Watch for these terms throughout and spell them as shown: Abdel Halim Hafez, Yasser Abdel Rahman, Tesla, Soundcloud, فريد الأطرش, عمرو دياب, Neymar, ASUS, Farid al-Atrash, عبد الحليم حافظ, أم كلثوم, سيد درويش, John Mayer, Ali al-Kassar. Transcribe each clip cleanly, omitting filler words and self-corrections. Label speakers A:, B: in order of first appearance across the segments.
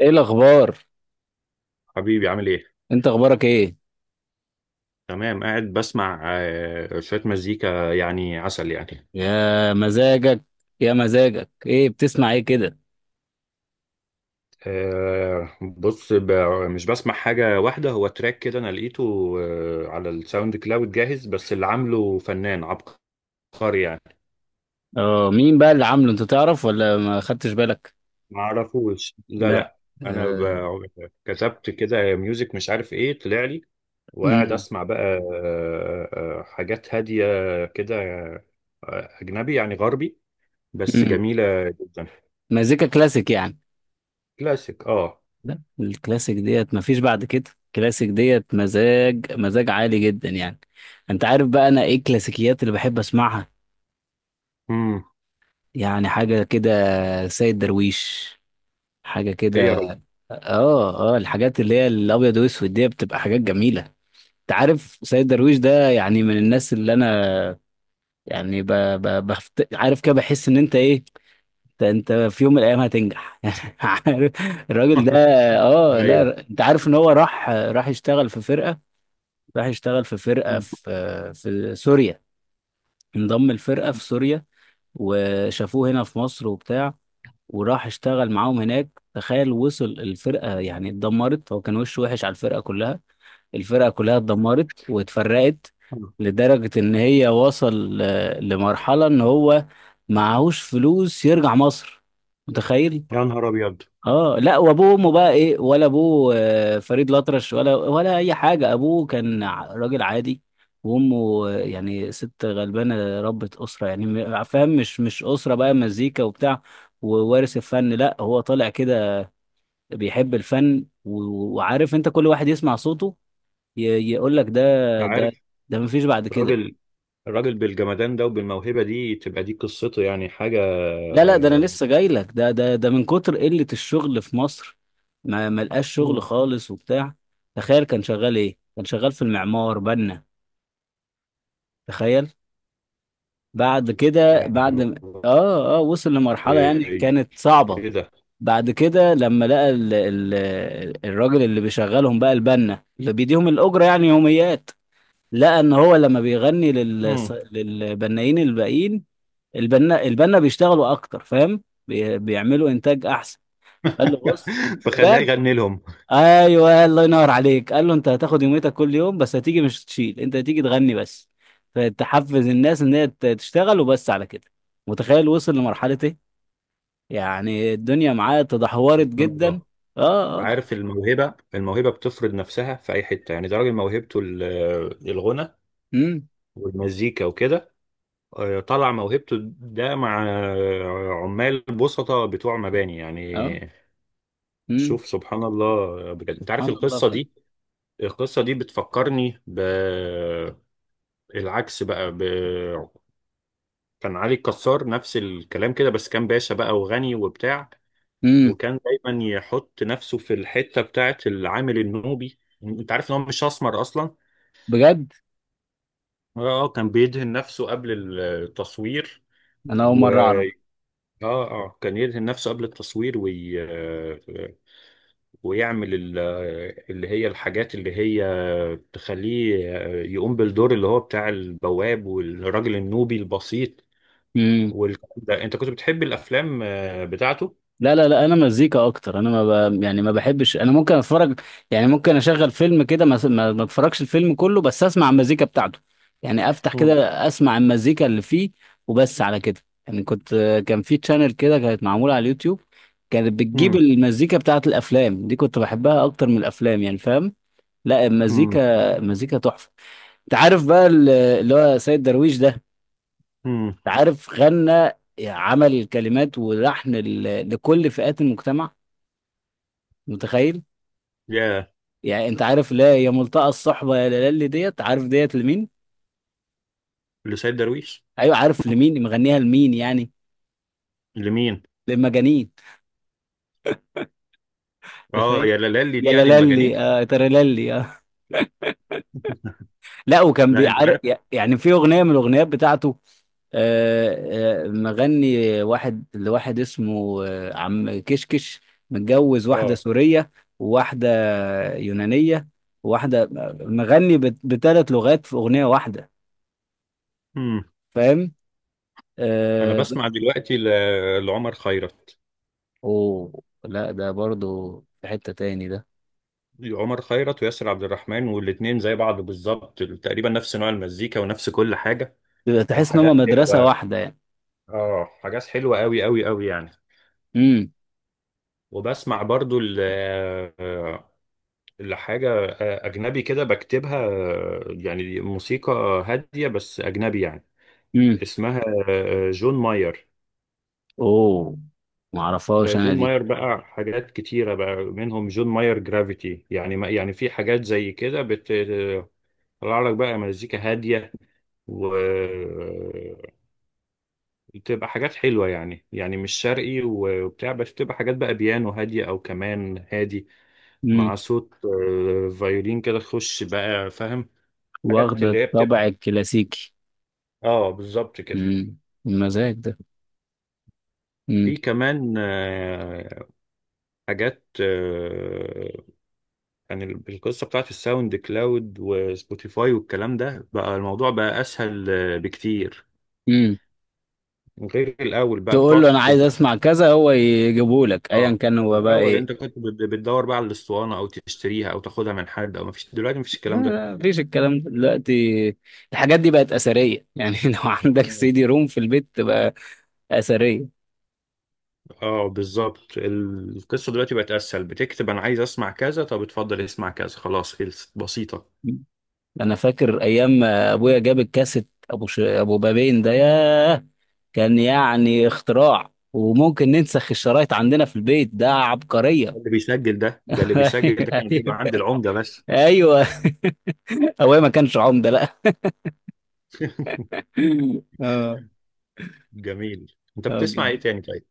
A: ايه الاخبار؟
B: حبيبي عامل ايه؟
A: انت اخبارك ايه؟
B: تمام، قاعد بسمع شوية مزيكا، يعني عسل يعني.
A: يا مزاجك. يا مزاجك، ايه بتسمع ايه كده؟
B: آه، بص، ب- مش بسمع حاجة واحدة، هو تراك كده أنا لقيته على الساوند كلاود جاهز، بس اللي عامله فنان عبقري يعني.
A: اه، مين بقى اللي عامله؟ انت تعرف ولا ما خدتش بالك؟
B: معرفوش، لا
A: لا.
B: لا. أنا
A: آه.
B: كتبت كده ميوزك مش عارف ايه طلع لي، وقاعد
A: امم.
B: أسمع بقى حاجات هادية كده. أجنبي يعني غربي، بس
A: امم.
B: جميلة جدا.
A: مزيكا كلاسيك يعني.
B: كلاسيك، اه.
A: لا، الكلاسيك ديت مفيش بعد كده، الكلاسيك ديت مزاج مزاج عالي جدا يعني. انت عارف بقى انا ايه الكلاسيكيات اللي بحب اسمعها؟ يعني حاجة كده، سيد درويش، حاجة
B: ايه يا
A: كده.
B: راجل!
A: اه اه، الحاجات اللي هي الابيض واسود دي بتبقى حاجات جميلة. انت عارف سيد درويش ده يعني من الناس اللي انا، يعني عارف كده، بحس ان انت ايه، انت, انت في يوم من الايام هتنجح يعني. عارف؟ الراجل ده. اه
B: ايوه.
A: لا، انت عارف ان هو راح يشتغل في فرقة، راح يشتغل في فرقة في، في سوريا، انضم الفرقة في سوريا. وشافوه هنا في مصر وبتاع، وراح اشتغل معاهم هناك. تخيل وصل الفرقة يعني اتدمرت، هو كان وشه وحش على الفرقة كلها، الفرقة كلها اتدمرت واتفرقت. لدرجة ان هي وصل لمرحلة ان هو معهوش فلوس يرجع مصر. متخيل؟
B: يا نهار ابيض!
A: اه لا، وابوه وامه بقى ايه؟ ولا ابوه فريد الأطرش، ولا اي حاجة، ابوه كان راجل عادي، وامه يعني ست غلبانة ربة أسرة، يعني فاهم؟ مش أسرة بقى مزيكا وبتاع ووارث الفن، لا هو طالع كده بيحب الفن وعارف انت كل واحد يسمع صوته يقول لك ده،
B: انت
A: ده
B: عارف
A: ده مفيش بعد كده.
B: الراجل، بالجمدان ده وبالموهبه دي، تبقى دي قصته يعني حاجه
A: لا لا، ده انا لسه جاي لك، ده ده ده من كتر قلة الشغل في مصر ما لقاش شغل
B: مم.
A: خالص وبتاع. تخيل كان شغال ايه؟ كان شغال في المعمار، بنا. تخيل! بعد كده بعد اه اه وصل لمرحلة يعني
B: ايه
A: كانت صعبة.
B: ده.
A: بعد كده لما لقى ال ال الراجل اللي بيشغلهم بقى، البنا اللي بيديهم الأجرة يعني يوميات، لقى ان هو لما بيغني
B: مم.
A: للبنائين الباقيين، البنا بيشتغلوا اكتر، فاهم؟ بيعملوا انتاج احسن، فقال له بص.
B: فخلاه
A: بجد؟
B: يغني لهم.
A: ايوه، الله ينور عليك! قال له انت هتاخد يوميتك كل يوم، بس هتيجي مش تشيل، انت هتيجي تغني بس، فتحفز الناس ان هي تشتغل، وبس على كده. متخيل وصل لمرحله ايه! يعني الدنيا معاه تدهورت
B: سبحان
A: جدا.
B: الله.
A: اه اه.
B: عارف الموهبه، بتفرض نفسها في اي حته، يعني ده راجل موهبته الغنى
A: امم.
B: والمزيكا وكده. طلع موهبته ده مع عمال بسطة بتوع مباني يعني.
A: اه. امم.
B: شوف سبحان الله بجد، انت عارف
A: سبحان الله.
B: القصه دي؟ القصه دي بتفكرني بالعكس بقى كان علي الكسار نفس الكلام كده، بس كان باشا بقى وغني وبتاع.
A: امم.
B: وكان دايما يحط نفسه في الحته بتاعه العامل النوبي، انت عارف ان هو مش اسمر اصلا؟
A: بجد.
B: اه، كان بيدهن نفسه قبل التصوير
A: انا اول
B: و
A: مره
B: اه اه، كان يدهن نفسه قبل التصوير ويعمل اللي هي الحاجات اللي هي تخليه يقوم بالدور اللي هو بتاع البواب والراجل النوبي البسيط
A: اعرف.
B: والكلام ده. انت كنت بتحب الافلام بتاعته؟
A: لا لا لا، انا مزيكا اكتر، انا ما ب... يعني ما بحبش، انا ممكن اتفرج. يعني ممكن اشغل فيلم كده ما اتفرجش الفيلم كله، بس اسمع المزيكا بتاعته. يعني افتح كده،
B: مم.
A: اسمع المزيكا اللي فيه، وبس على كده. يعني كنت، كان في تشانل كده كانت معمولة على اليوتيوب، كانت بتجيب
B: مم.
A: المزيكا بتاعت الافلام دي، كنت بحبها اكتر من الافلام يعني، فاهم؟ لا،
B: مم.
A: المزيكا تحفة. انت عارف بقى اللي هو سيد درويش ده، انت
B: مم.
A: عارف غنى، عمل الكلمات ولحن لكل فئات المجتمع؟ متخيل؟
B: يا.
A: يعني انت عارف لا يا ملتقى الصحبه يا لالي، ديت عارف ديت لمين؟
B: لسيد درويش.
A: ايوه. عارف لمين مغنيها لمين يعني؟
B: لمين.
A: للمجانين!
B: اه.
A: تخيل!
B: يا لالي دي
A: يا
B: يعني المجانين.
A: لالي آه ترللي آه. لا، وكان
B: لا، انت
A: بيعرف،
B: عارف.
A: يعني في اغنيه من الاغنيات بتاعته، مغني واحد لواحد اسمه عم كشكش، متجوز واحدة
B: اه.
A: سورية، وواحدة يونانية، وواحدة، مغني بثلاث لغات في أغنية واحدة،
B: مم.
A: فاهم؟
B: انا
A: آه.
B: بسمع دلوقتي لعمر خيرت.
A: اوه لا، ده برضو في حتة تاني ده،
B: عمر خيرت وياسر عبد الرحمن، والاتنين زي بعض بالظبط، تقريبا نفس نوع المزيكا ونفس كل حاجة،
A: يبقى تحس ان هما
B: وحاجات
A: مدرسة
B: حلوة.
A: واحدة يعني.
B: اه، حاجات حلوة قوي قوي قوي يعني.
A: امم.
B: وبسمع برضو آه، لحاجة أجنبي كده بكتبها، يعني موسيقى هادية بس أجنبي يعني.
A: امم.
B: اسمها جون ماير.
A: اوه،
B: ده
A: معرفهاش انا
B: جون
A: دي.
B: ماير بقى حاجات كتيرة، بقى منهم جون ماير جرافيتي يعني، ما يعني في حاجات زي كده بتطلع لك بقى مزيكا هادية، وتبقى حاجات حلوة يعني. مش شرقي وبتاع، بس بتبقى حاجات بقى بيانو هادية أو كمان هادي،
A: امم.
B: مع صوت فيولين كده تخش بقى فاهم. حاجات
A: واخدة
B: اللي هي بتبقى،
A: الطبع الكلاسيكي.
B: اه بالظبط كده.
A: امم. المزاج ده.
B: في
A: امم.
B: كمان حاجات يعني، القصة بتاعت الساوند كلاود وسبوتيفاي والكلام ده، بقى الموضوع بقى أسهل بكتير،
A: امم.
B: غير الأول بقى
A: تقول
B: بتقعد
A: له انا عايز
B: كنت.
A: اسمع كذا، هو يجيبه لك، ايا
B: اه.
A: كان هو بقى
B: الأول
A: ايه.
B: أنت كنت بتدور بقى على الأسطوانة، أو تشتريها أو تاخدها من حد، أو مفيش دلوقتي، مفيش
A: لا
B: الكلام
A: لا، مفيش الكلام ده دلوقتي، الحاجات دي بقت اثرية يعني. لو عندك
B: ده.
A: سي دي روم في البيت تبقى اثرية.
B: اه بالظبط، القصة دلوقتي بقت اسهل. بتكتب انا عايز اسمع كذا، طب اتفضل اسمع كذا، خلاص خلصت، بسيطة.
A: انا فاكر ايام ما ابويا جاب الكاسيت، ابو ابو بابين ده، ياه! كان يعني اختراع، وممكن ننسخ الشرايط عندنا في البيت، ده عبقرية!
B: اللي بيسجل ده، اللي بيسجل ده كان بيبقى
A: ايوه
B: عند العمدة بس.
A: ايوه. ابويا ما كانش عمدة لا. اه.
B: جميل، انت
A: اه
B: بتسمع ايه
A: جامد.
B: تاني طيب؟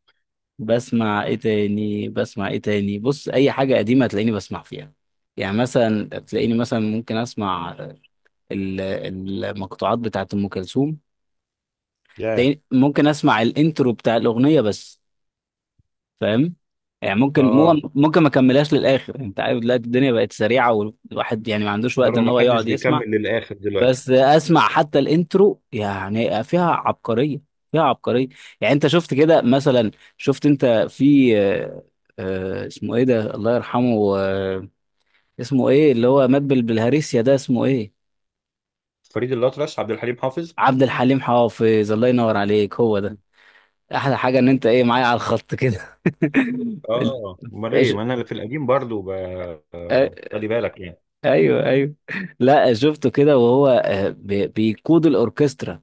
A: بسمع ايه تاني؟ بص، اي حاجة قديمة هتلاقيني بسمع فيها. يعني مثلا تلاقيني مثلا ممكن اسمع المقطوعات بتاعت ام كلثوم،
B: ياه.
A: تلاقيني ممكن اسمع الانترو بتاع الاغنية بس، فاهم؟ يعني ممكن
B: اه.
A: ممكن ما كملهاش للاخر. انت عارف دلوقتي الدنيا بقت سريعه، والواحد يعني ما عندوش
B: ده
A: وقت ان
B: ما
A: هو
B: حدش
A: يقعد يسمع.
B: بيكمل للاخر دلوقتي.
A: بس اسمع حتى الانترو، يعني فيها عبقريه، فيها عبقريه. يعني انت شفت كده مثلا، شفت انت في اسمه ايه ده الله يرحمه، اسمه ايه اللي هو مات بالهريسيا ده، اسمه ايه؟
B: فريد الأطرش، عبد الحليم حافظ.
A: عبد الحليم حافظ، الله ينور عليك، هو ده! احلى حاجه ان انت ايه معايا على الخط كده.
B: اه، امال ايه، ما انا اللي في القديم برضو ب... آه،
A: ال-
B: خلي بالك يعني.
A: ايوه ايوه. لا، شفته كده وهو بيقود الاوركسترا،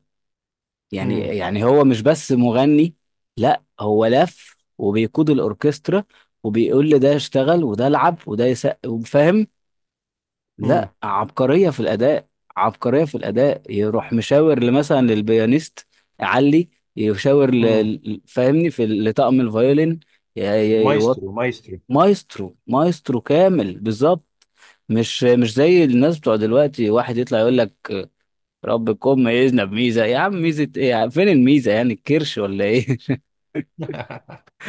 A: يعني
B: امم.
A: يعني هو مش بس مغني، لا هو لف وبيقود الاوركسترا، وبيقول لده اشتغل وده العب وده يسقف، فاهم؟
B: امم.
A: لا، عبقريه في الاداء، عبقريه في الاداء. يروح مشاور مثلا للبيانيست علي، يشاور
B: امم.
A: فاهمني في لطقم الفيولين، ي... ي... يوط-
B: مايسترو مايسترو.
A: مايسترو، مايسترو كامل بالظبط. مش زي الناس بتوع دلوقتي، واحد يطلع يقول لك ربكم ميزنا بميزه، يا عم ميزه ايه يا عم؟ فين الميزه؟ يعني الكرش ولا ايه؟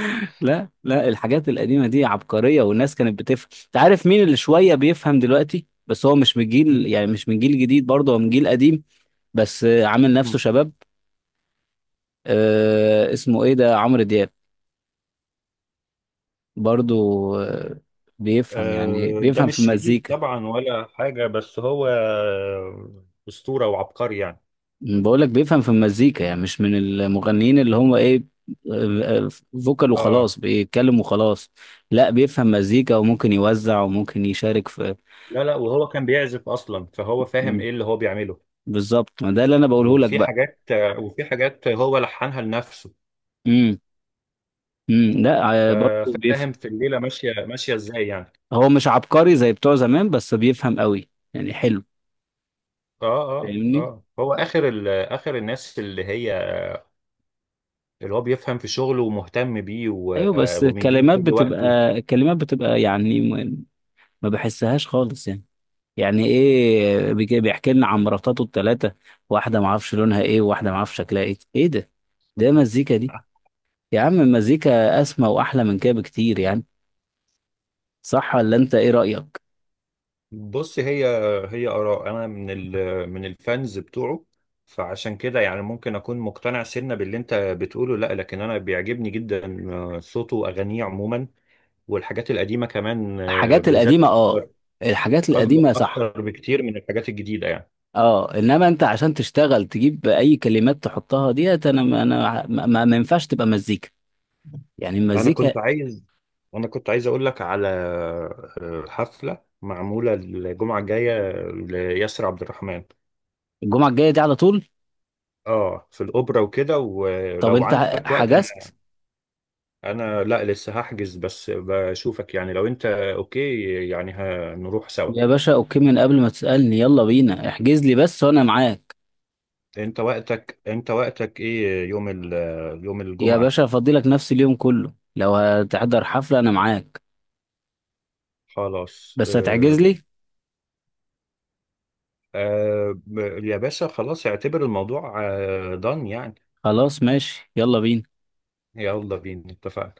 A: لا لا، الحاجات القديمه دي عبقريه، والناس كانت بتفهم، انت عارف مين اللي شويه بيفهم دلوقتي؟ بس هو مش من جيل، يعني مش من جيل جديد برضه، هو من جيل قديم بس عامل نفسه شباب. آه اسمه ايه ده، عمرو دياب، برضه آه، بيفهم يعني،
B: ده
A: بيفهم في
B: مش جديد
A: المزيكا.
B: طبعا ولا حاجة، بس هو أسطورة وعبقري يعني.
A: بقول لك بيفهم في المزيكا، يعني مش من المغنيين اللي هم ايه، آه، فوكال
B: اه.
A: وخلاص، بيتكلم وخلاص. لا بيفهم مزيكا، وممكن يوزع وممكن يشارك في.
B: لا لا، وهو كان بيعزف أصلا، فهو فاهم
A: مم.
B: إيه اللي هو بيعمله.
A: بالظبط، ما ده اللي انا بقوله لك بقى.
B: وفي حاجات هو لحنها لنفسه.
A: امم. امم. لا برضه بيفهم.
B: ففاهم في الليلة ماشية ماشية إزاي يعني.
A: هو مش عبقري زي بتوع زمان، بس بيفهم قوي يعني، حلو.
B: اه اه
A: فاهمني؟
B: اه، هو آخر آخر الناس اللي هي اللي هو بيفهم في شغله ومهتم بيه
A: ايوه. بس
B: وبيديله
A: الكلمات
B: كل وقته.
A: بتبقى، يعني ما بحسهاش خالص يعني. يعني ايه بيحكي لنا عن مراتاته الثلاثه، واحده ما اعرفش لونها ايه، وواحده ما اعرفش شكلها ايه، ايه ده؟ ده مزيكا دي؟ يا عم المزيكا اسمى واحلى من كده بكتير يعني. صح ولا انت ايه رايك؟
B: بص، هي آراء، أنا من من الفانز بتوعه، فعشان كده يعني ممكن أكون مقتنع سنة باللي أنت بتقوله. لا، لكن أنا بيعجبني جدا صوته وأغانيه عموما، والحاجات القديمة كمان
A: الحاجات
B: بالذات
A: القديمه
B: أكتر،
A: اه. الحاجات
B: أكبر
A: القديمه صح.
B: أكتر بكتير من الحاجات الجديدة يعني.
A: اه، انما انت عشان تشتغل تجيب اي كلمات تحطها ديت، انا ما ينفعش تبقى مزيكا، يعني
B: أنا كنت
A: المزيكا.
B: عايز أنا كنت عايز أقول لك على حفلة معمولة الجمعة الجاية لياسر عبد الرحمن.
A: الجمعه الجايه دي على طول؟
B: اه، في الاوبرا وكده،
A: طب
B: ولو
A: انت
B: عندك وقت.
A: حجزت؟
B: انا لا، لسه هحجز، بس بشوفك يعني لو انت اوكي، يعني هنروح سوا.
A: يا باشا اوكي، من قبل ما تسالني يلا بينا، احجز لي بس وانا معاك.
B: انت وقتك، ايه يوم يوم
A: يا
B: الجمعة؟
A: باشا افضلك نفس اليوم كله، لو هتحضر حفلة انا معاك،
B: خلاص.
A: بس هتعجز لي.
B: آه... يا باشا خلاص، اعتبر الموضوع دان يعني.
A: خلاص ماشي، يلا بينا.
B: يلا بينا، اتفقنا.